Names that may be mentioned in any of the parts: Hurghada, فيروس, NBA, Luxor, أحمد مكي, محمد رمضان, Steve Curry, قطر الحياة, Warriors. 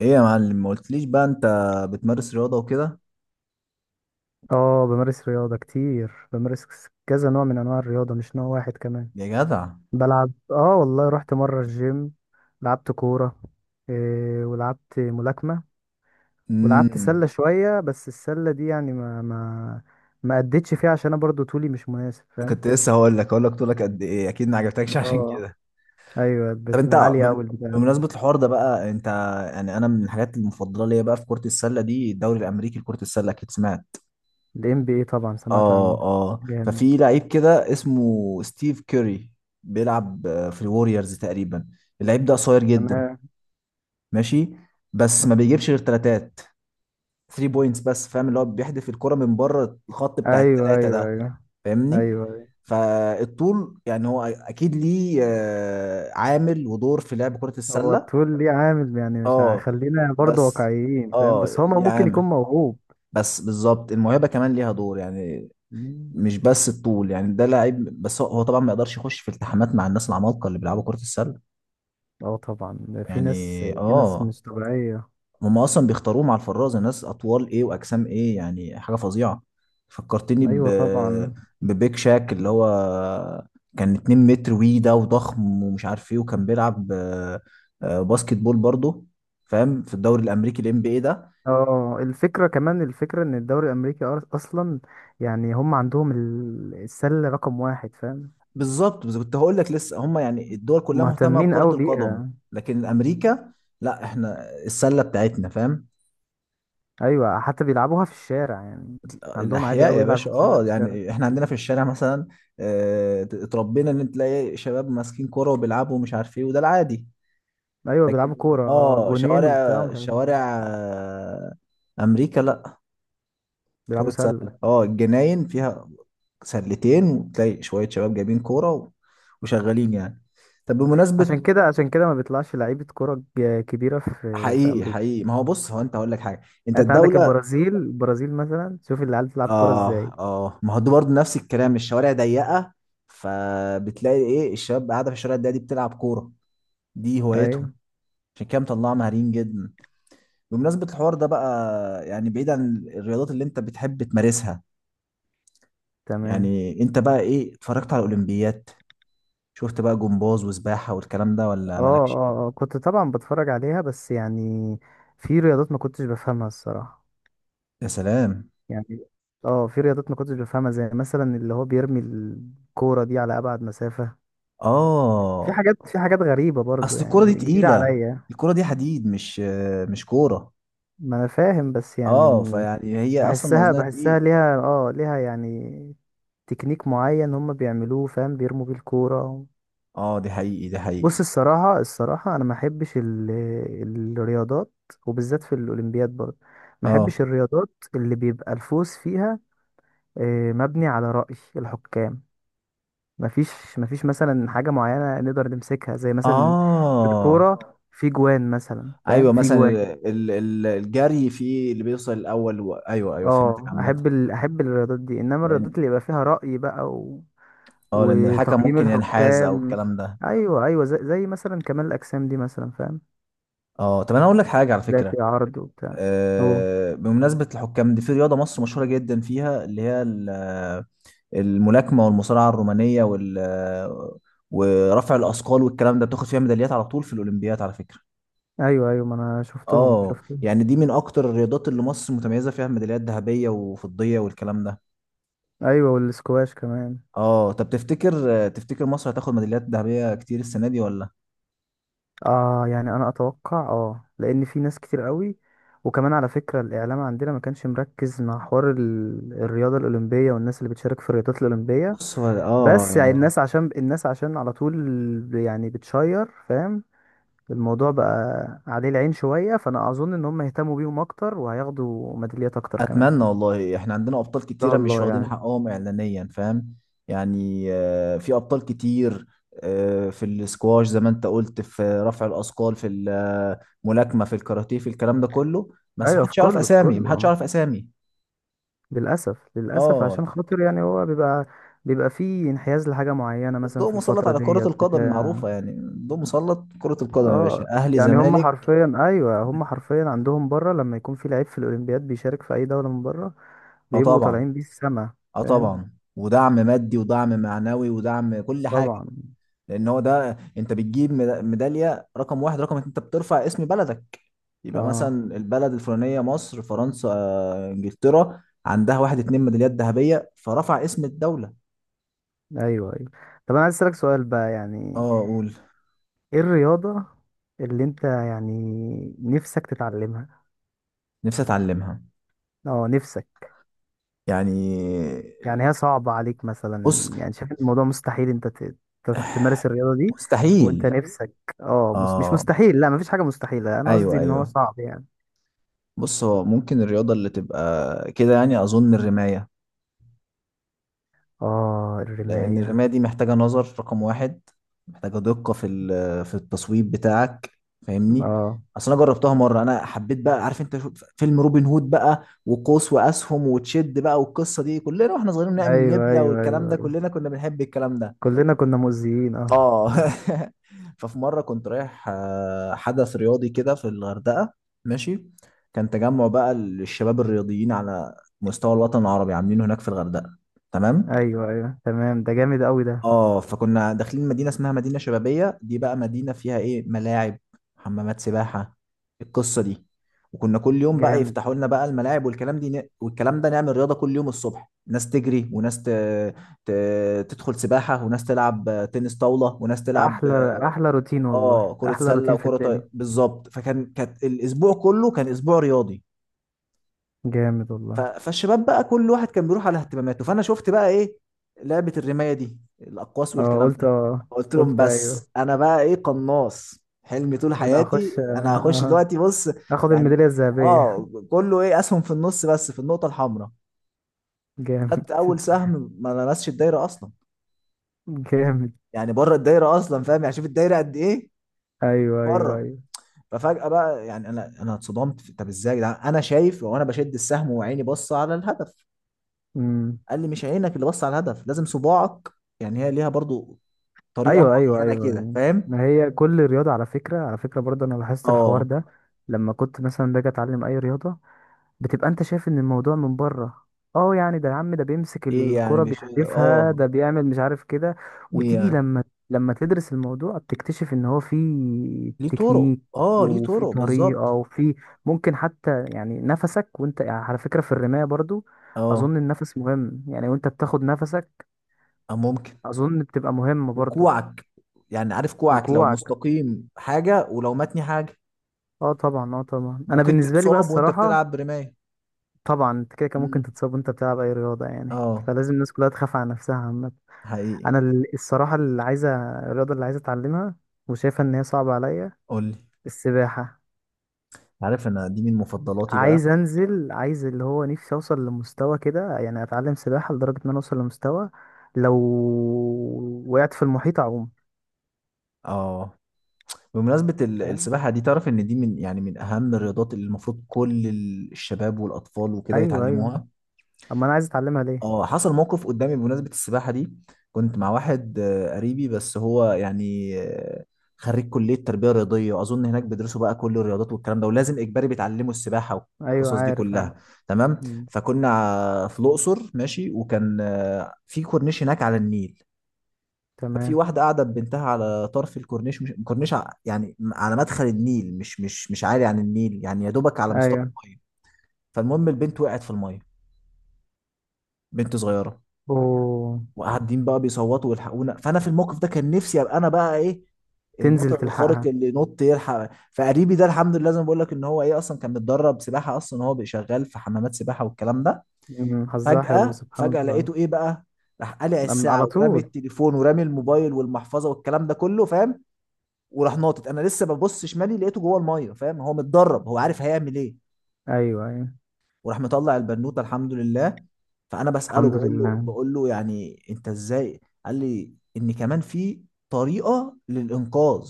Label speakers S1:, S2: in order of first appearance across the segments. S1: ايه يا معلم، ما قلتليش بقى انت بتمارس رياضة وكده؟
S2: اه، بمارس رياضة كتير. بمارس كذا نوع من انواع الرياضة، مش نوع واحد كمان.
S1: يا جدع.
S2: بلعب، اه والله رحت مرة الجيم، لعبت كورة، إيه، ولعبت ملاكمة، ولعبت
S1: امم
S2: سلة شوية. بس السلة دي يعني ما ما أديتش فيها عشان انا برضو طولي مش مناسب، فاهم؟
S1: كنت لسه هقول لك، طولك قد ايه، اكيد ما عجبتكش عشان
S2: اه.
S1: كده.
S2: ايوه،
S1: طب انت
S2: عالية اوي البتاع.
S1: بمناسبة الحوار ده بقى، انت يعني انا من الحاجات المفضلة ليا بقى في كرة السلة دي الدوري الامريكي لكرة السلة، اكيد سمعت.
S2: ال NBA طبعا سمعت
S1: اه،
S2: عنه.
S1: اه،
S2: جامد.
S1: ففي لعيب كده اسمه ستيف كيري، بيلعب في الوريورز تقريبا. اللعيب ده قصير جدا.
S2: تمام.
S1: ماشي. بس ما بيجيبش غير تلاتات، 3 بوينتس بس، فاهم اللي هو بيحدف الكرة من بره الخط بتاع
S2: ايوه
S1: الثلاثة
S2: ايوه
S1: ده.
S2: ايوه
S1: فاهمني؟
S2: ايوه.
S1: فالطول يعني هو اكيد ليه عامل ودور في لعب كرة
S2: هو
S1: السلة.
S2: الطول ليه عامل يعني، مش
S1: اه.
S2: خلينا برضه
S1: بس.
S2: واقعيين فاهم،
S1: اه،
S2: بس هو
S1: ليه
S2: ممكن يكون
S1: عامل.
S2: موهوب.
S1: بس بالظبط الموهبة كمان ليها دور، يعني.
S2: مم.
S1: مش بس الطول، يعني ده لعيب، بس هو طبعا ما يقدرش يخش في التحامات مع الناس العمالقة اللي بيلعبوا كرة السلة.
S2: اه طبعا، في
S1: يعني
S2: ناس، في ناس
S1: اه.
S2: مش طبيعية.
S1: هم اصلا بيختاروهم على الفرازه ناس اطوال ايه واجسام ايه، يعني حاجه فظيعه. فكرتني
S2: ايوه طبعا.
S1: ببيك شاك، اللي هو كان 2 متر وي ده وضخم ومش عارف ايه، وكان بيلعب باسكت بول برضه. فاهم؟ في الدوري الامريكي الام بي اي ده.
S2: اه، الفكرة كمان، الفكرة ان الدوري الامريكي اصلا يعني هم عندهم السلة رقم واحد، فاهم؟
S1: بالظبط، بس كنت هقول لك لسه، هم يعني الدول كلها مهتمه
S2: مهتمين
S1: بكره
S2: قوي
S1: القدم.
S2: بيها.
S1: لكن امريكا، لا، احنا السله بتاعتنا، فاهم؟
S2: ايوه، حتى بيلعبوها في الشارع يعني، عندهم عادي
S1: الاحياء
S2: قوي
S1: يا باشا،
S2: يلعبوا سلة في
S1: اه،
S2: الشارع.
S1: يعني احنا عندنا في الشارع مثلا، اتربينا ان تلاقي شباب ماسكين كوره وبيلعبوا ومش عارف ايه، وده العادي.
S2: ايوه بيلعبوا
S1: لكن،
S2: كورة آه،
S1: اه،
S2: جونين وبتاع
S1: شوارع
S2: مش عارف إيه.
S1: شوارع. آه، امريكا لا،
S2: بيلعبوا
S1: كرة سلة،
S2: سلة.
S1: اه، الجناين فيها سلتين، وتلاقي شوية شباب جايبين كورة وشغالين يعني. طب بمناسبة،
S2: عشان كده، عشان كده ما بيطلعش لعيبة كرة كبيرة في
S1: حقيقي
S2: أمريكا.
S1: حقيقي، ما هو بص، هو انت هقول لك حاجة. انت
S2: يعني أنت عندك
S1: الدولة.
S2: البرازيل، البرازيل مثلا، شوف العيال بتلعب كرة إزاي.
S1: اه، اه، ما هو ده برضه نفس الكلام، الشوارع ضيقه، فبتلاقي ايه الشباب قاعده في الشوارع الضيقه دي بتلعب كوره، دي هوايتهم.
S2: أيوه.
S1: عشان كده مطلعه مهارين جدا. بمناسبه الحوار ده بقى، يعني بعيد عن الرياضات اللي انت بتحب تمارسها،
S2: تمام.
S1: يعني انت بقى ايه، اتفرجت على الاولمبيات؟ شفت بقى جمباز وسباحه والكلام ده، ولا
S2: أه
S1: مالكش
S2: أه
S1: فيه؟
S2: أه، كنت طبعا بتفرج عليها بس يعني في رياضات ما كنتش بفهمها الصراحة.
S1: يا سلام.
S2: يعني أه، في رياضات ما كنتش بفهمها، زي مثلا اللي هو بيرمي الكورة دي على أبعد مسافة. في
S1: اه،
S2: حاجات، في حاجات غريبة برضو،
S1: اصل الكوره دي
S2: يعني جديدة
S1: تقيله،
S2: عليا.
S1: الكوره دي حديد، مش كوره.
S2: ما أنا فاهم بس يعني
S1: اه، فيعني هي اصلا
S2: بحسها،
S1: وزنها
S2: بحسها
S1: تقيل.
S2: ليها اه، ليها يعني تكنيك معين هم بيعملوه، فاهم؟ بيرموا بيه الكورة.
S1: اه، دي حقيقي دي حقيقي.
S2: بص الصراحة، الصراحة أنا ما أحبش الرياضات، وبالذات في الأولمبياد برضه، ما
S1: اه،
S2: أحبش الرياضات اللي بيبقى الفوز فيها آه، مبني على رأي الحكام. ما فيش، ما فيش مثلا حاجة معينة نقدر نمسكها زي مثلا في
S1: اه،
S2: الكورة. في جوان مثلا، فاهم؟
S1: ايوه
S2: في
S1: مثلا
S2: جوان.
S1: الجري فيه اللي بيوصل الاول ايوه، ايوه، فهمت
S2: اه،
S1: عامه.
S2: احب ال... احب الرياضات دي، انما الرياضات
S1: لان،
S2: اللي يبقى فيها رأي بقى و...
S1: اه، لان الحكم
S2: وتقييم
S1: ممكن ينحاز او
S2: الحكام.
S1: الكلام ده.
S2: ايوه ايوه، زي مثلا كمال الاجسام دي مثلا، فاهم؟
S1: اه، طب انا اقول لك حاجه على
S2: لا، في
S1: فكره.
S2: عرض وبتاع. اوه.
S1: بمناسبه الحكام دي، في رياضه مصر مشهوره جدا فيها، اللي هي الملاكمه والمصارعه الرومانيه ورفع الاثقال والكلام ده، بتاخد فيها ميداليات على طول في الاولمبياد على فكره.
S2: ايوه ايوه، ما انا شفتهم،
S1: اه،
S2: شفتهم.
S1: يعني دي من اكتر الرياضات اللي مصر متميزه فيها بميداليات ذهبيه وفضيه والكلام ده.
S2: ايوه، والسكواش كمان.
S1: اه، طب تفتكر، مصر هتاخد ميداليات ذهبية كتير السنة دي، ولا؟
S2: اه يعني انا اتوقع، اه، لان في ناس كتير قوي. وكمان على فكرة الاعلام عندنا ما كانش مركز مع حوار ال... الرياضة الاولمبية والناس اللي بتشارك في الرياضات الاولمبية.
S1: بص، هو اه
S2: بس يعني آه،
S1: يعني،
S2: الناس عشان الناس عشان على طول يعني بتشير، فاهم؟ الموضوع بقى عليه العين شوية، فأنا أظن إن هم يهتموا بيهم أكتر وهياخدوا ميداليات أكتر كمان، إن
S1: اتمنى والله، احنا عندنا ابطال
S2: شاء
S1: كتيره مش
S2: الله
S1: واخدين
S2: يعني.
S1: حقهم اعلانيا، فاهم؟ يعني في ابطال كتير، في السكواش زي ما انت قلت، في رفع الاثقال، في الملاكمه، في الكاراتيه، في الكلام ده كله. بس
S2: أيوة، في
S1: محدش يعرف
S2: كله، في
S1: اسامي،
S2: كله
S1: محدش
S2: آه.
S1: يعرف اسامي.
S2: للأسف، للأسف
S1: اه،
S2: عشان خاطر يعني هو بيبقى، بيبقى فيه انحياز لحاجة معينة مثلا في
S1: الضوء مسلط
S2: الفترة
S1: على كره
S2: ديت
S1: القدم
S2: بتاع.
S1: معروفه، يعني الضوء مسلط كره القدم يا باشا،
S2: اه
S1: اهلي
S2: يعني هم
S1: زمالك.
S2: حرفيا، ايوه هم حرفيا عندهم بره لما يكون في لعيب في الاولمبياد بيشارك في اي دولة من بره،
S1: اه
S2: بيبقوا
S1: طبعا،
S2: طالعين بيه السما،
S1: اه
S2: فاهم؟
S1: طبعا، ودعم مادي ودعم معنوي ودعم كل حاجه.
S2: طبعا.
S1: لان هو ده، انت بتجيب ميداليه رقم واحد رقم اتنين، انت بترفع اسم بلدك. يبقى
S2: اه.
S1: مثلا البلد الفلانيه، مصر، فرنسا، انجلترا، عندها واحد اتنين ميداليات ذهبيه، فرفع اسم الدوله.
S2: ايوه ايوه. طب انا عايز اسالك سؤال بقى يعني،
S1: اه، اقول.
S2: ايه الرياضه اللي انت يعني نفسك تتعلمها؟
S1: نفسي اتعلمها.
S2: اه، نفسك.
S1: يعني.
S2: يعني هي صعبه عليك مثلا،
S1: بص.
S2: يعني شايف إن الموضوع مستحيل انت تمارس الرياضه دي، وانت
S1: مستحيل.
S2: مستحيل نفسك؟ اه، مش
S1: اه،
S2: مستحيل، لا مفيش حاجه مستحيله، انا قصدي
S1: ايوه،
S2: ان هو
S1: ايوه.
S2: صعب يعني.
S1: بص، هو ممكن الرياضه اللي تبقى كده، يعني اظن الرمايه.
S2: اه،
S1: لأن الرماية
S2: الرمايه.
S1: دي محتاجة نظر رقم واحد، محتاجة دقة في التصويب بتاعك. فاهمني؟
S2: اه
S1: أصل أنا جربتها مرة، أنا حبيت بقى، عارف أنت فيلم روبن هود بقى، وقوس وأسهم وتشد بقى، والقصة دي كلنا وإحنا صغيرين نعمل
S2: ايوه
S1: نبلة
S2: ايوه
S1: والكلام
S2: ايوه
S1: ده،
S2: ايوه،
S1: كلنا كنا بنحب الكلام ده.
S2: كلنا كنا مؤذيين اه.
S1: آه ففي مرة كنت رايح حدث رياضي كده في الغردقة. ماشي، كان تجمع بقى للشباب الرياضيين على مستوى الوطن العربي، عاملينه هناك في الغردقة. تمام.
S2: ايوه ايوه تمام، ده جامد قوي ده.
S1: اه، فكنا داخلين مدينة اسمها مدينة شبابية، دي بقى مدينة فيها ايه، ملاعب، حمامات سباحة، القصة دي. وكنا كل يوم بقى
S2: جامد.
S1: يفتحوا لنا بقى الملاعب والكلام دي والكلام ده، نعمل رياضة كل يوم الصبح، ناس تجري وناس ت... تدخل سباحة، وناس تلعب تنس طاولة، وناس تلعب
S2: احلى، احلى روتين والله،
S1: اه كرة
S2: احلى
S1: سلة
S2: روتين في
S1: وكرة
S2: الدنيا.
S1: بالظبط. كانت الاسبوع كله كان اسبوع رياضي.
S2: جامد والله.
S1: فالشباب بقى كل واحد كان بيروح على اهتماماته، فانا شفت بقى ايه، لعبة الرماية دي، الاقواس
S2: اه
S1: والكلام.
S2: قلت اه.
S1: قلت لهم،
S2: قلت ايوه،
S1: بس انا بقى ايه، قناص حلمي طول
S2: انا
S1: حياتي،
S2: هخش
S1: انا هخش
S2: آه،
S1: دلوقتي، بص.
S2: هاخد
S1: يعني،
S2: الميدالية الذهبية.
S1: اه، كله ايه، اسهم في النص بس في النقطه الحمراء.
S2: جامد
S1: خدت اول سهم، ما لمسش الدايره اصلا،
S2: جامد.
S1: يعني بره الدايره اصلا، فاهم؟ يعني شوف الدايره قد ايه.
S2: ايوه ايوه
S1: بره.
S2: ايوه.
S1: ففجاه بقى، يعني انا اتصدمت طب ازاي يا جدعان، انا شايف وانا بشد السهم وعيني بص على الهدف.
S2: امم.
S1: قال لي: مش عينك اللي بص على الهدف، لازم صباعك. يعني هي ليها برضو طريقه
S2: ايوه ايوه
S1: معينه
S2: ايوه
S1: كده،
S2: أيوة.
S1: فاهم؟
S2: ما هي كل رياضة، على فكرة، على فكرة برضه انا لاحظت الحوار
S1: اه،
S2: ده، لما كنت مثلا باجي اتعلم اي رياضة بتبقى انت شايف ان الموضوع من بره. اه يعني ده يا عم، ده بيمسك
S1: ايه يعني،
S2: الكرة
S1: مش
S2: بيحدفها،
S1: اه،
S2: ده بيعمل مش عارف كده.
S1: ايه
S2: وتيجي
S1: يعني،
S2: لما، لما تدرس الموضوع بتكتشف ان هو في
S1: ليه طرق،
S2: تكنيك،
S1: اه، ليه
S2: وفي
S1: طرق
S2: طريقة،
S1: بالظبط.
S2: وفي ممكن حتى يعني نفسك وانت، يعني على فكرة في الرماية برضو
S1: اه،
S2: اظن النفس مهم، يعني وانت بتاخد نفسك
S1: ممكن.
S2: اظن بتبقى مهمة برضو.
S1: وكوعك، يعني عارف، كوعك لو
S2: وكوعك.
S1: مستقيم حاجة ولو متني حاجة.
S2: اه طبعا اه طبعا، انا
S1: ممكن
S2: بالنسبة لي بقى
S1: تتصاب وانت
S2: الصراحة.
S1: بتلعب برماية.
S2: طبعا انت كده كان ممكن
S1: مم.
S2: تتصاب وانت بتلعب اي رياضة يعني،
S1: اه،
S2: فلازم الناس كلها تخاف على نفسها عامة.
S1: حقيقي.
S2: انا الصراحه اللي عايزه، الرياضه اللي عايزه اتعلمها وشايفه ان هي صعبه عليا،
S1: قولي.
S2: السباحه.
S1: عارف، انا دي من مفضلاتي بقى.
S2: عايز انزل، عايز اللي هو نفسي اوصل لمستوى كده يعني، اتعلم سباحه لدرجه ان انا اوصل لمستوى لو وقعت في المحيط اعوم.
S1: اه، بمناسبة
S2: فاهم؟
S1: السباحة دي، تعرف ان دي من، يعني من اهم الرياضات اللي المفروض كل الشباب والاطفال وكده
S2: ايوه ايوه.
S1: يتعلموها.
S2: اما انا عايز اتعلمها ليه.
S1: اه، حصل موقف قدامي بمناسبة السباحة دي. كنت مع واحد قريبي، بس هو يعني خريج كلية تربية رياضية، وأظن هناك بيدرسوا بقى كل الرياضات والكلام ده، ولازم إجباري بيتعلموا السباحة
S2: ايوه
S1: والقصص دي
S2: عارف
S1: كلها.
S2: عارف.
S1: تمام.
S2: مم.
S1: فكنا في الأقصر ماشي، وكان في كورنيش هناك على النيل. ففي
S2: تمام.
S1: واحدة قاعدة ببنتها على طرف الكورنيش، مش كورنيش، يعني على مدخل النيل، مش عالي عن النيل، يعني يا دوبك على مستوى
S2: ايوه.
S1: المية. فالمهم، البنت وقعت في المية، بنت صغيرة.
S2: اوه.
S1: وقاعدين بقى بيصوتوا ويلحقونا، فانا في الموقف ده كان نفسي ابقى انا بقى ايه،
S2: تنزل
S1: البطل الخارق
S2: تلحقها.
S1: اللي نط يلحق. فقريبي ده الحمد لله، زي ما بقول لك، ان هو ايه، اصلا كان متدرب سباحه، اصلا هو بقى شغال في حمامات سباحه والكلام ده.
S2: مم، حظها حلو،
S1: فجاه
S2: سبحان
S1: فجاه،
S2: الله.
S1: لقيته ايه بقى، راح قلع الساعه،
S2: على
S1: ورامي
S2: طول.
S1: التليفون ورامي الموبايل والمحفظه والكلام ده كله، فاهم؟ وراح ناطط، انا لسه ببص شمالي لقيته جوه الميه، فاهم؟ هو متدرب، هو عارف هيعمل ايه.
S2: ايوه ايوه.
S1: وراح مطلع البنوته، الحمد لله. فانا بساله،
S2: الحمد
S1: بقول له
S2: لله.
S1: بقول له يعني انت ازاي. قال لي ان كمان في طريقه للانقاذ.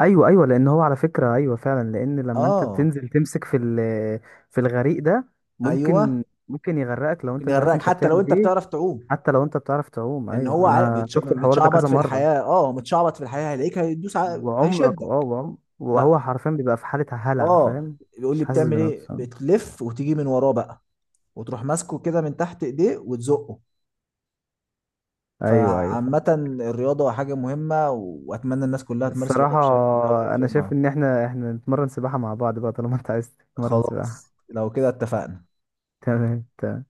S2: ايوه ايوه، لان هو على فكره، ايوه فعلا، لان لما انت
S1: اه،
S2: بتنزل تمسك في في الغريق ده،
S1: ايوه،
S2: ممكن، ممكن يغرقك لو
S1: ممكن
S2: انت مش عارف
S1: يغرقك
S2: انت
S1: حتى لو
S2: بتعمل
S1: انت
S2: ايه.
S1: بتعرف تعوم.
S2: حتى لو انت بتعرف تعوم،
S1: لان هو
S2: ايوه انا شفت الحوار ده
S1: متشعبط
S2: كذا
S1: في
S2: مره.
S1: الحياه، اه، متشعبط في الحياه، هيلاقيك، هيدوس
S2: وعمرك،
S1: هيشدك.
S2: اه،
S1: لا،
S2: وهو حرفيا بيبقى في حاله هلع،
S1: اه،
S2: فاهم؟
S1: بيقول
S2: مش
S1: لي:
S2: حاسس
S1: بتعمل ايه،
S2: بنفسه.
S1: بتلف وتيجي من وراه بقى، وتروح ماسكه كده من تحت ايديه وتزقه.
S2: ايوه ايوه فاهم.
S1: فعامة، الرياضة حاجة مهمة، وأتمنى الناس كلها تمارس الرياضة
S2: الصراحه
S1: بشكل دوري في
S2: انا شايف
S1: يومها.
S2: ان احنا نتمرن سباحه مع بعض بقى، طالما انت عايز تتمرن
S1: خلاص،
S2: سباحه.
S1: لو كده اتفقنا.
S2: تمام تمام.